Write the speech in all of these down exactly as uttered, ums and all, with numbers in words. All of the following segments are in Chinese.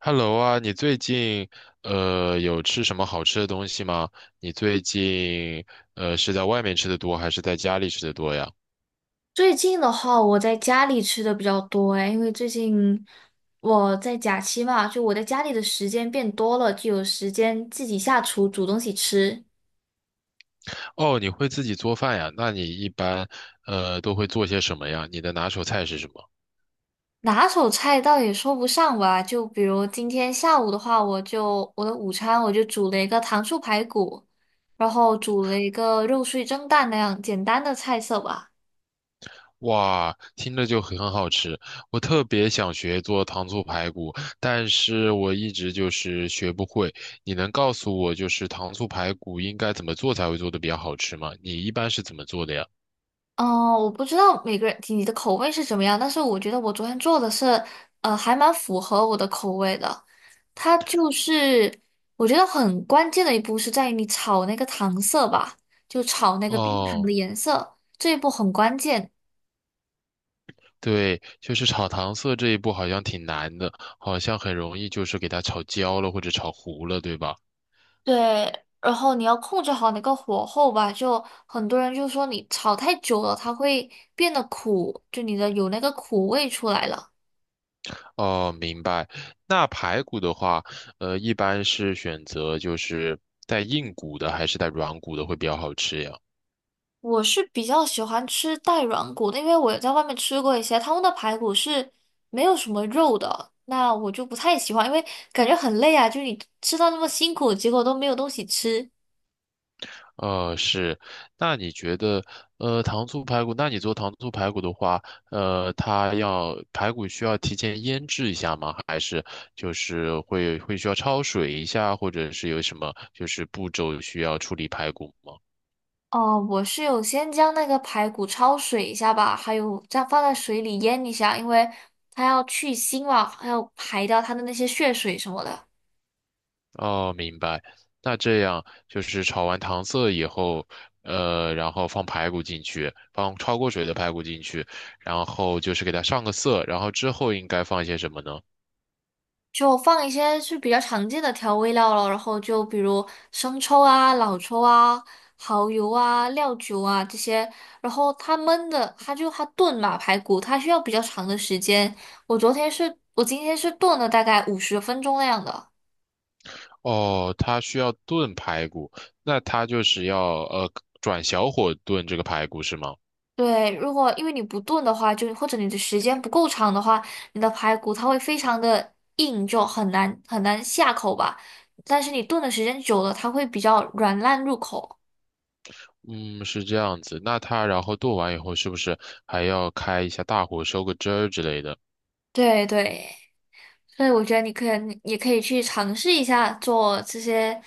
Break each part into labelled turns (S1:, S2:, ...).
S1: Hello 啊，你最近呃有吃什么好吃的东西吗？你最近呃是在外面吃的多还是在家里吃的多呀？
S2: 最近的话，我在家里吃的比较多哎，因为最近我在假期嘛，就我在家里的时间变多了，就有时间自己下厨煮东西吃。
S1: 哦，你会自己做饭呀？那你一般呃都会做些什么呀？你的拿手菜是什么？
S2: 拿手菜倒也说不上吧，就比如今天下午的话，我就我的午餐我就煮了一个糖醋排骨，然后煮了一个肉碎蒸蛋那样简单的菜色吧。
S1: 哇，听着就很好吃，我特别想学做糖醋排骨，但是我一直就是学不会。你能告诉我就是糖醋排骨应该怎么做才会做的比较好吃吗？你一般是怎么做的呀？
S2: 哦，我不知道每个人你的口味是怎么样，但是我觉得我昨天做的是，呃，还蛮符合我的口味的。它就是我觉得很关键的一步是在于你炒那个糖色吧，就炒那个冰糖的
S1: 哦。
S2: 颜色，这一步很关键。
S1: 对，就是炒糖色这一步好像挺难的，好像很容易就是给它炒焦了或者炒糊了，对吧？
S2: 对，然后你要控制好那个火候吧，就很多人就说你炒太久了，它会变得苦，就你的有那个苦味出来了。
S1: 哦，明白。那排骨的话，呃，一般是选择就是带硬骨的还是带软骨的会比较好吃呀？
S2: 我是比较喜欢吃带软骨的，因为我在外面吃过一些，他们的排骨是没有什么肉的，那我就不太喜欢，因为感觉很累啊，就是你吃到那么辛苦，结果都没有东西吃。
S1: 呃，是，那你觉得，呃，糖醋排骨，那你做糖醋排骨的话，呃，它要排骨需要提前腌制一下吗？还是就是会会需要焯水一下，或者是有什么就是步骤需要处理排骨吗？
S2: 哦，我是有先将那个排骨焯水一下吧，还有再放在水里腌一下，因为它要去腥嘛，还要排掉它的那些血水什么的。
S1: 哦，明白。那这样就是炒完糖色以后，呃，然后放排骨进去，放焯过水的排骨进去，然后就是给它上个色，然后之后应该放一些什么呢？
S2: 就放一些是比较常见的调味料了，然后就比如生抽啊、老抽啊、蚝油啊、料酒啊这些，然后它焖的，它就它炖嘛排骨，它需要比较长的时间。我昨天是，我今天是炖了大概五十分钟那样的。
S1: 哦，它需要炖排骨，那它就是要呃转小火炖这个排骨是吗？
S2: 对，如果因为你不炖的话，就或者你的时间不够长的话，你的排骨它会非常的硬，就很难很难下口吧。但是你炖的时间久了，它会比较软烂入口。
S1: 嗯，是这样子。那它然后炖完以后，是不是还要开一下大火收个汁儿之类的？
S2: 对对。所以我觉得你可以，也可以去尝试一下做这些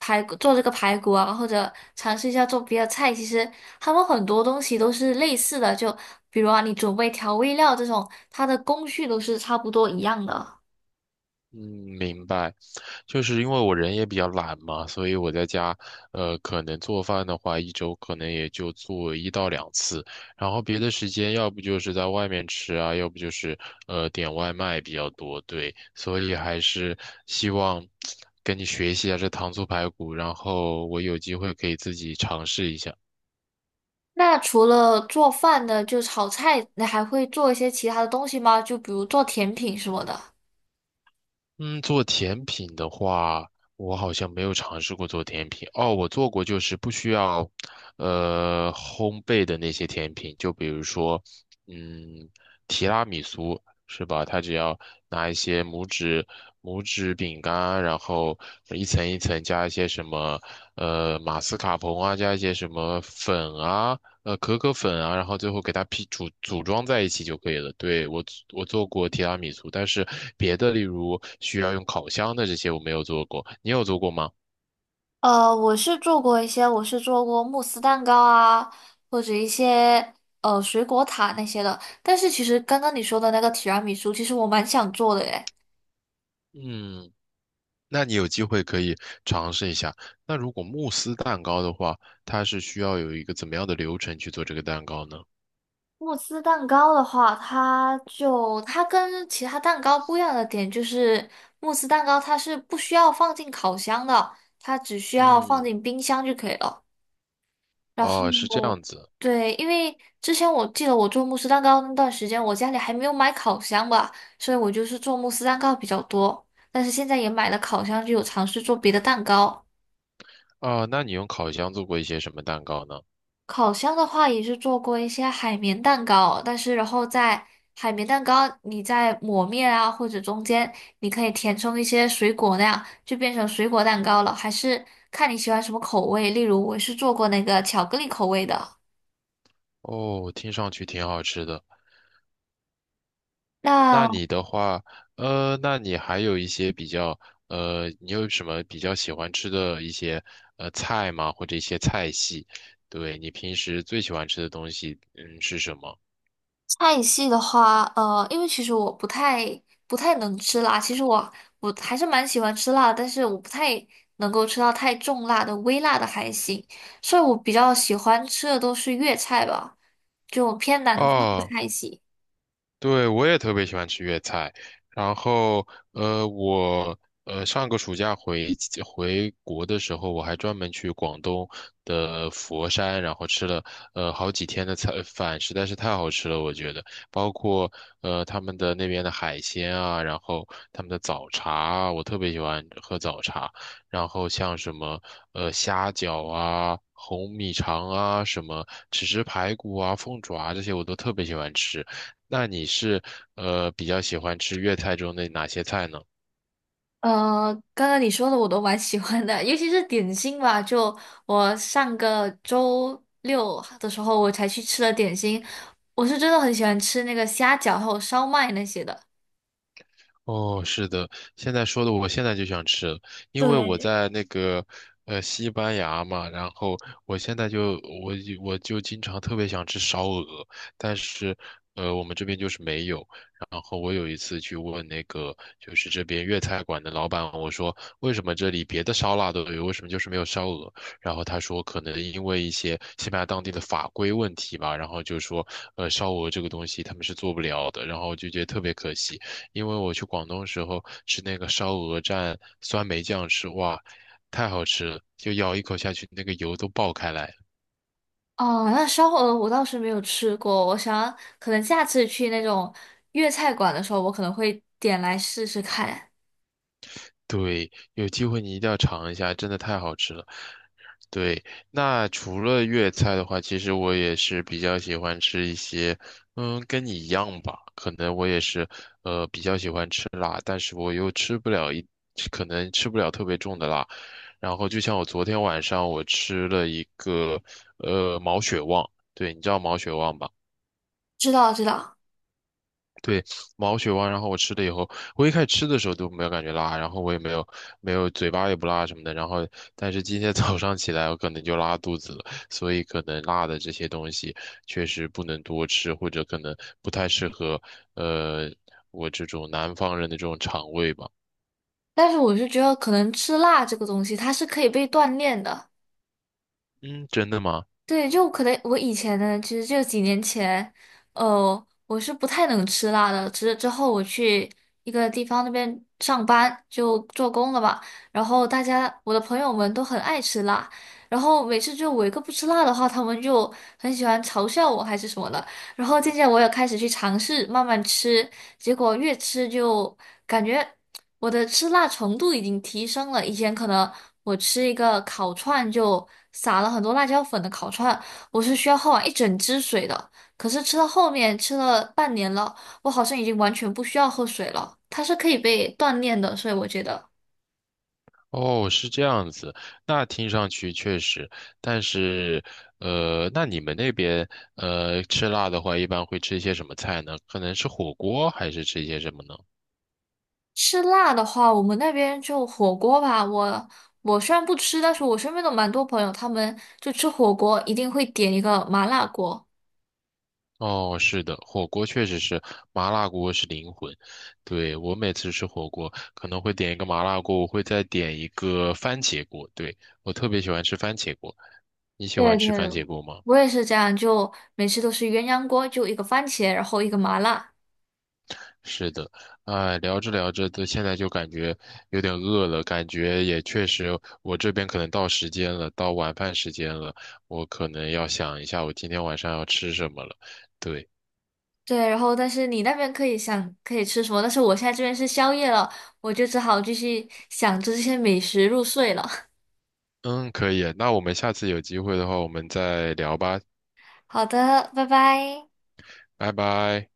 S2: 排骨，做这个排骨啊，或者尝试一下做别的菜。其实他们很多东西都是类似的，就比如啊，你准备调味料这种，它的工序都是差不多一样的。
S1: 嗯，明白，就是因为我人也比较懒嘛，所以我在家，呃，可能做饭的话，一周可能也就做一到两次，然后别的时间要不就是在外面吃啊，要不就是呃点外卖比较多，对，所以还是希望跟你学习一下这糖醋排骨，然后我有机会可以自己尝试一下。
S2: 那除了做饭的，就炒菜，你还会做一些其他的东西吗？就比如做甜品什么的。
S1: 嗯，做甜品的话，我好像没有尝试过做甜品。哦，我做过，就是不需要，呃，烘焙的那些甜品，就比如说，嗯，提拉米苏是吧？它只要拿一些拇指拇指饼干，然后一层一层加一些什么，呃，马斯卡彭啊，加一些什么粉啊，呃可可粉啊，然后最后给它批组组装在一起就可以了。对，我我做过提拉米苏，但是别的例如需要用烤箱的这些我没有做过，你有做过吗？
S2: 呃，我是做过一些，我是做过慕斯蛋糕啊，或者一些呃水果塔那些的。但是其实刚刚你说的那个提拉米苏，其实我蛮想做的耶。
S1: 嗯，那你有机会可以尝试一下。那如果慕斯蛋糕的话，它是需要有一个怎么样的流程去做这个蛋糕呢？
S2: 慕斯蛋糕的话，它就它跟其他蛋糕不一样的点就是，慕斯蛋糕它是不需要放进烤箱的，它只需要放
S1: 嗯，
S2: 进冰箱就可以了。然
S1: 哦，是这
S2: 后，
S1: 样子。
S2: 对，因为之前我记得我做慕斯蛋糕那段时间，我家里还没有买烤箱吧，所以我就是做慕斯蛋糕比较多。但是现在也买了烤箱，就有尝试做别的蛋糕。
S1: 啊，那你用烤箱做过一些什么蛋糕呢？
S2: 烤箱的话，也是做过一些海绵蛋糕，但是然后在海绵蛋糕你在抹面啊，或者中间你可以填充一些水果那样，就变成水果蛋糕了。还是看你喜欢什么口味，例如我是做过那个巧克力口味的。
S1: 哦，听上去挺好吃的。那
S2: 那
S1: 你的话，呃，那你还有一些比较，呃，你有什么比较喜欢吃的一些呃菜吗？或者一些菜系？对，你平时最喜欢吃的东西，嗯，是什么？
S2: 菜系的话，呃，因为其实我不太不太能吃辣，其实我我还是蛮喜欢吃辣的，但是我不太能够吃到太重辣的，微辣的还行，所以我比较喜欢吃的都是粤菜吧，就偏南方的
S1: 哦，
S2: 菜系。
S1: 对，我也特别喜欢吃粤菜。然后，呃，我呃上个暑假回回国的时候，我还专门去广东的佛山，然后吃了呃好几天的菜饭，实在是太好吃了，我觉得。包括呃他们的那边的海鲜啊，然后他们的早茶啊，我特别喜欢喝早茶。然后像什么呃虾饺啊、红米肠啊、什么豉汁排骨啊、凤爪啊这些，我都特别喜欢吃。那你是呃比较喜欢吃粤菜中的哪些菜呢？
S2: 呃，刚刚你说的我都蛮喜欢的，尤其是点心吧，就我上个周六的时候我才去吃了点心，我是真的很喜欢吃那个虾饺还有烧麦那些的。
S1: 哦，是的，现在说的我现在就想吃了因为我
S2: 对，
S1: 在那个呃西班牙嘛，然后我现在就我就我就经常特别想吃烧鹅，但是呃我们这边就是没有。然后我有一次去问那个就是这边粤菜馆的老板，我说为什么这里别的烧腊都有，为什么就是没有烧鹅？然后他说可能因为一些西班牙当地的法规问题吧，然后就说呃烧鹅这个东西他们是做不了的，然后就觉得特别可惜。因为我去广东时候吃那个烧鹅蘸酸梅酱吃，哇，太好吃了，就咬一口下去，那个油都爆开来。
S2: 哦，那烧火鹅我倒是没有吃过，我想可能下次去那种粤菜馆的时候，我可能会点来试试看。
S1: 对，有机会你一定要尝一下，真的太好吃了。对，那除了粤菜的话，其实我也是比较喜欢吃一些，嗯，跟你一样吧，可能我也是，呃，比较喜欢吃辣，但是我又吃不了一，可能吃不了特别重的辣。然后就像我昨天晚上我吃了一个，呃，毛血旺，对，你知道毛血旺吧？
S2: 知道知道，
S1: 对，毛血旺，然后我吃了以后，我一开始吃的时候都没有感觉辣，然后我也没有没有嘴巴也不辣什么的，然后但是今天早上起来我可能就拉肚子了，所以可能辣的这些东西确实不能多吃，或者可能不太适合呃我这种南方人的这种肠胃吧。
S2: 但是我是觉得可能吃辣这个东西，它是可以被锻炼的。
S1: 嗯，真的吗？
S2: 对，就可能我以前呢，其实就几年前，呃，我是不太能吃辣的。之之后我去一个地方那边上班，就做工了吧。然后大家我的朋友们都很爱吃辣，然后每次就我一个不吃辣的话，他们就很喜欢嘲笑我还是什么的。然后渐渐我也开始去尝试慢慢吃，结果越吃就感觉我的吃辣程度已经提升了。以前可能我吃一个烤串就撒了很多辣椒粉的烤串，我是需要喝完一整支水的。可是吃到后面吃了半年了，我好像已经完全不需要喝水了。它是可以被锻炼的，所以我觉得。
S1: 哦，是这样子，那听上去确实，但是，呃，那你们那边，呃，吃辣的话，一般会吃一些什么菜呢？可能是火锅，还是吃一些什么呢？
S2: 吃辣的话，我们那边就火锅吧。我我虽然不吃，但是我身边的蛮多朋友，他们就吃火锅一定会点一个麻辣锅。
S1: 哦，是的，火锅确实是，麻辣锅是灵魂。对，我每次吃火锅，可能会点一个麻辣锅，我会再点一个番茄锅。对，我特别喜欢吃番茄锅，你喜
S2: 对
S1: 欢
S2: 对，
S1: 吃番茄锅吗？
S2: 我也是这样，就每次都是鸳鸯锅，就一个番茄，然后一个麻辣。
S1: 是的，哎，聊着聊着的，都现在就感觉有点饿了，感觉也确实，我这边可能到时间了，到晚饭时间了，我可能要想一下我今天晚上要吃什么了。对，
S2: 对，然后但是你那边可以想可以吃什么，但是我现在这边是宵夜了，我就只好继续想着这些美食入睡了。
S1: 嗯，可以，那我们下次有机会的话，我们再聊吧，
S2: 好的，拜拜。
S1: 拜拜。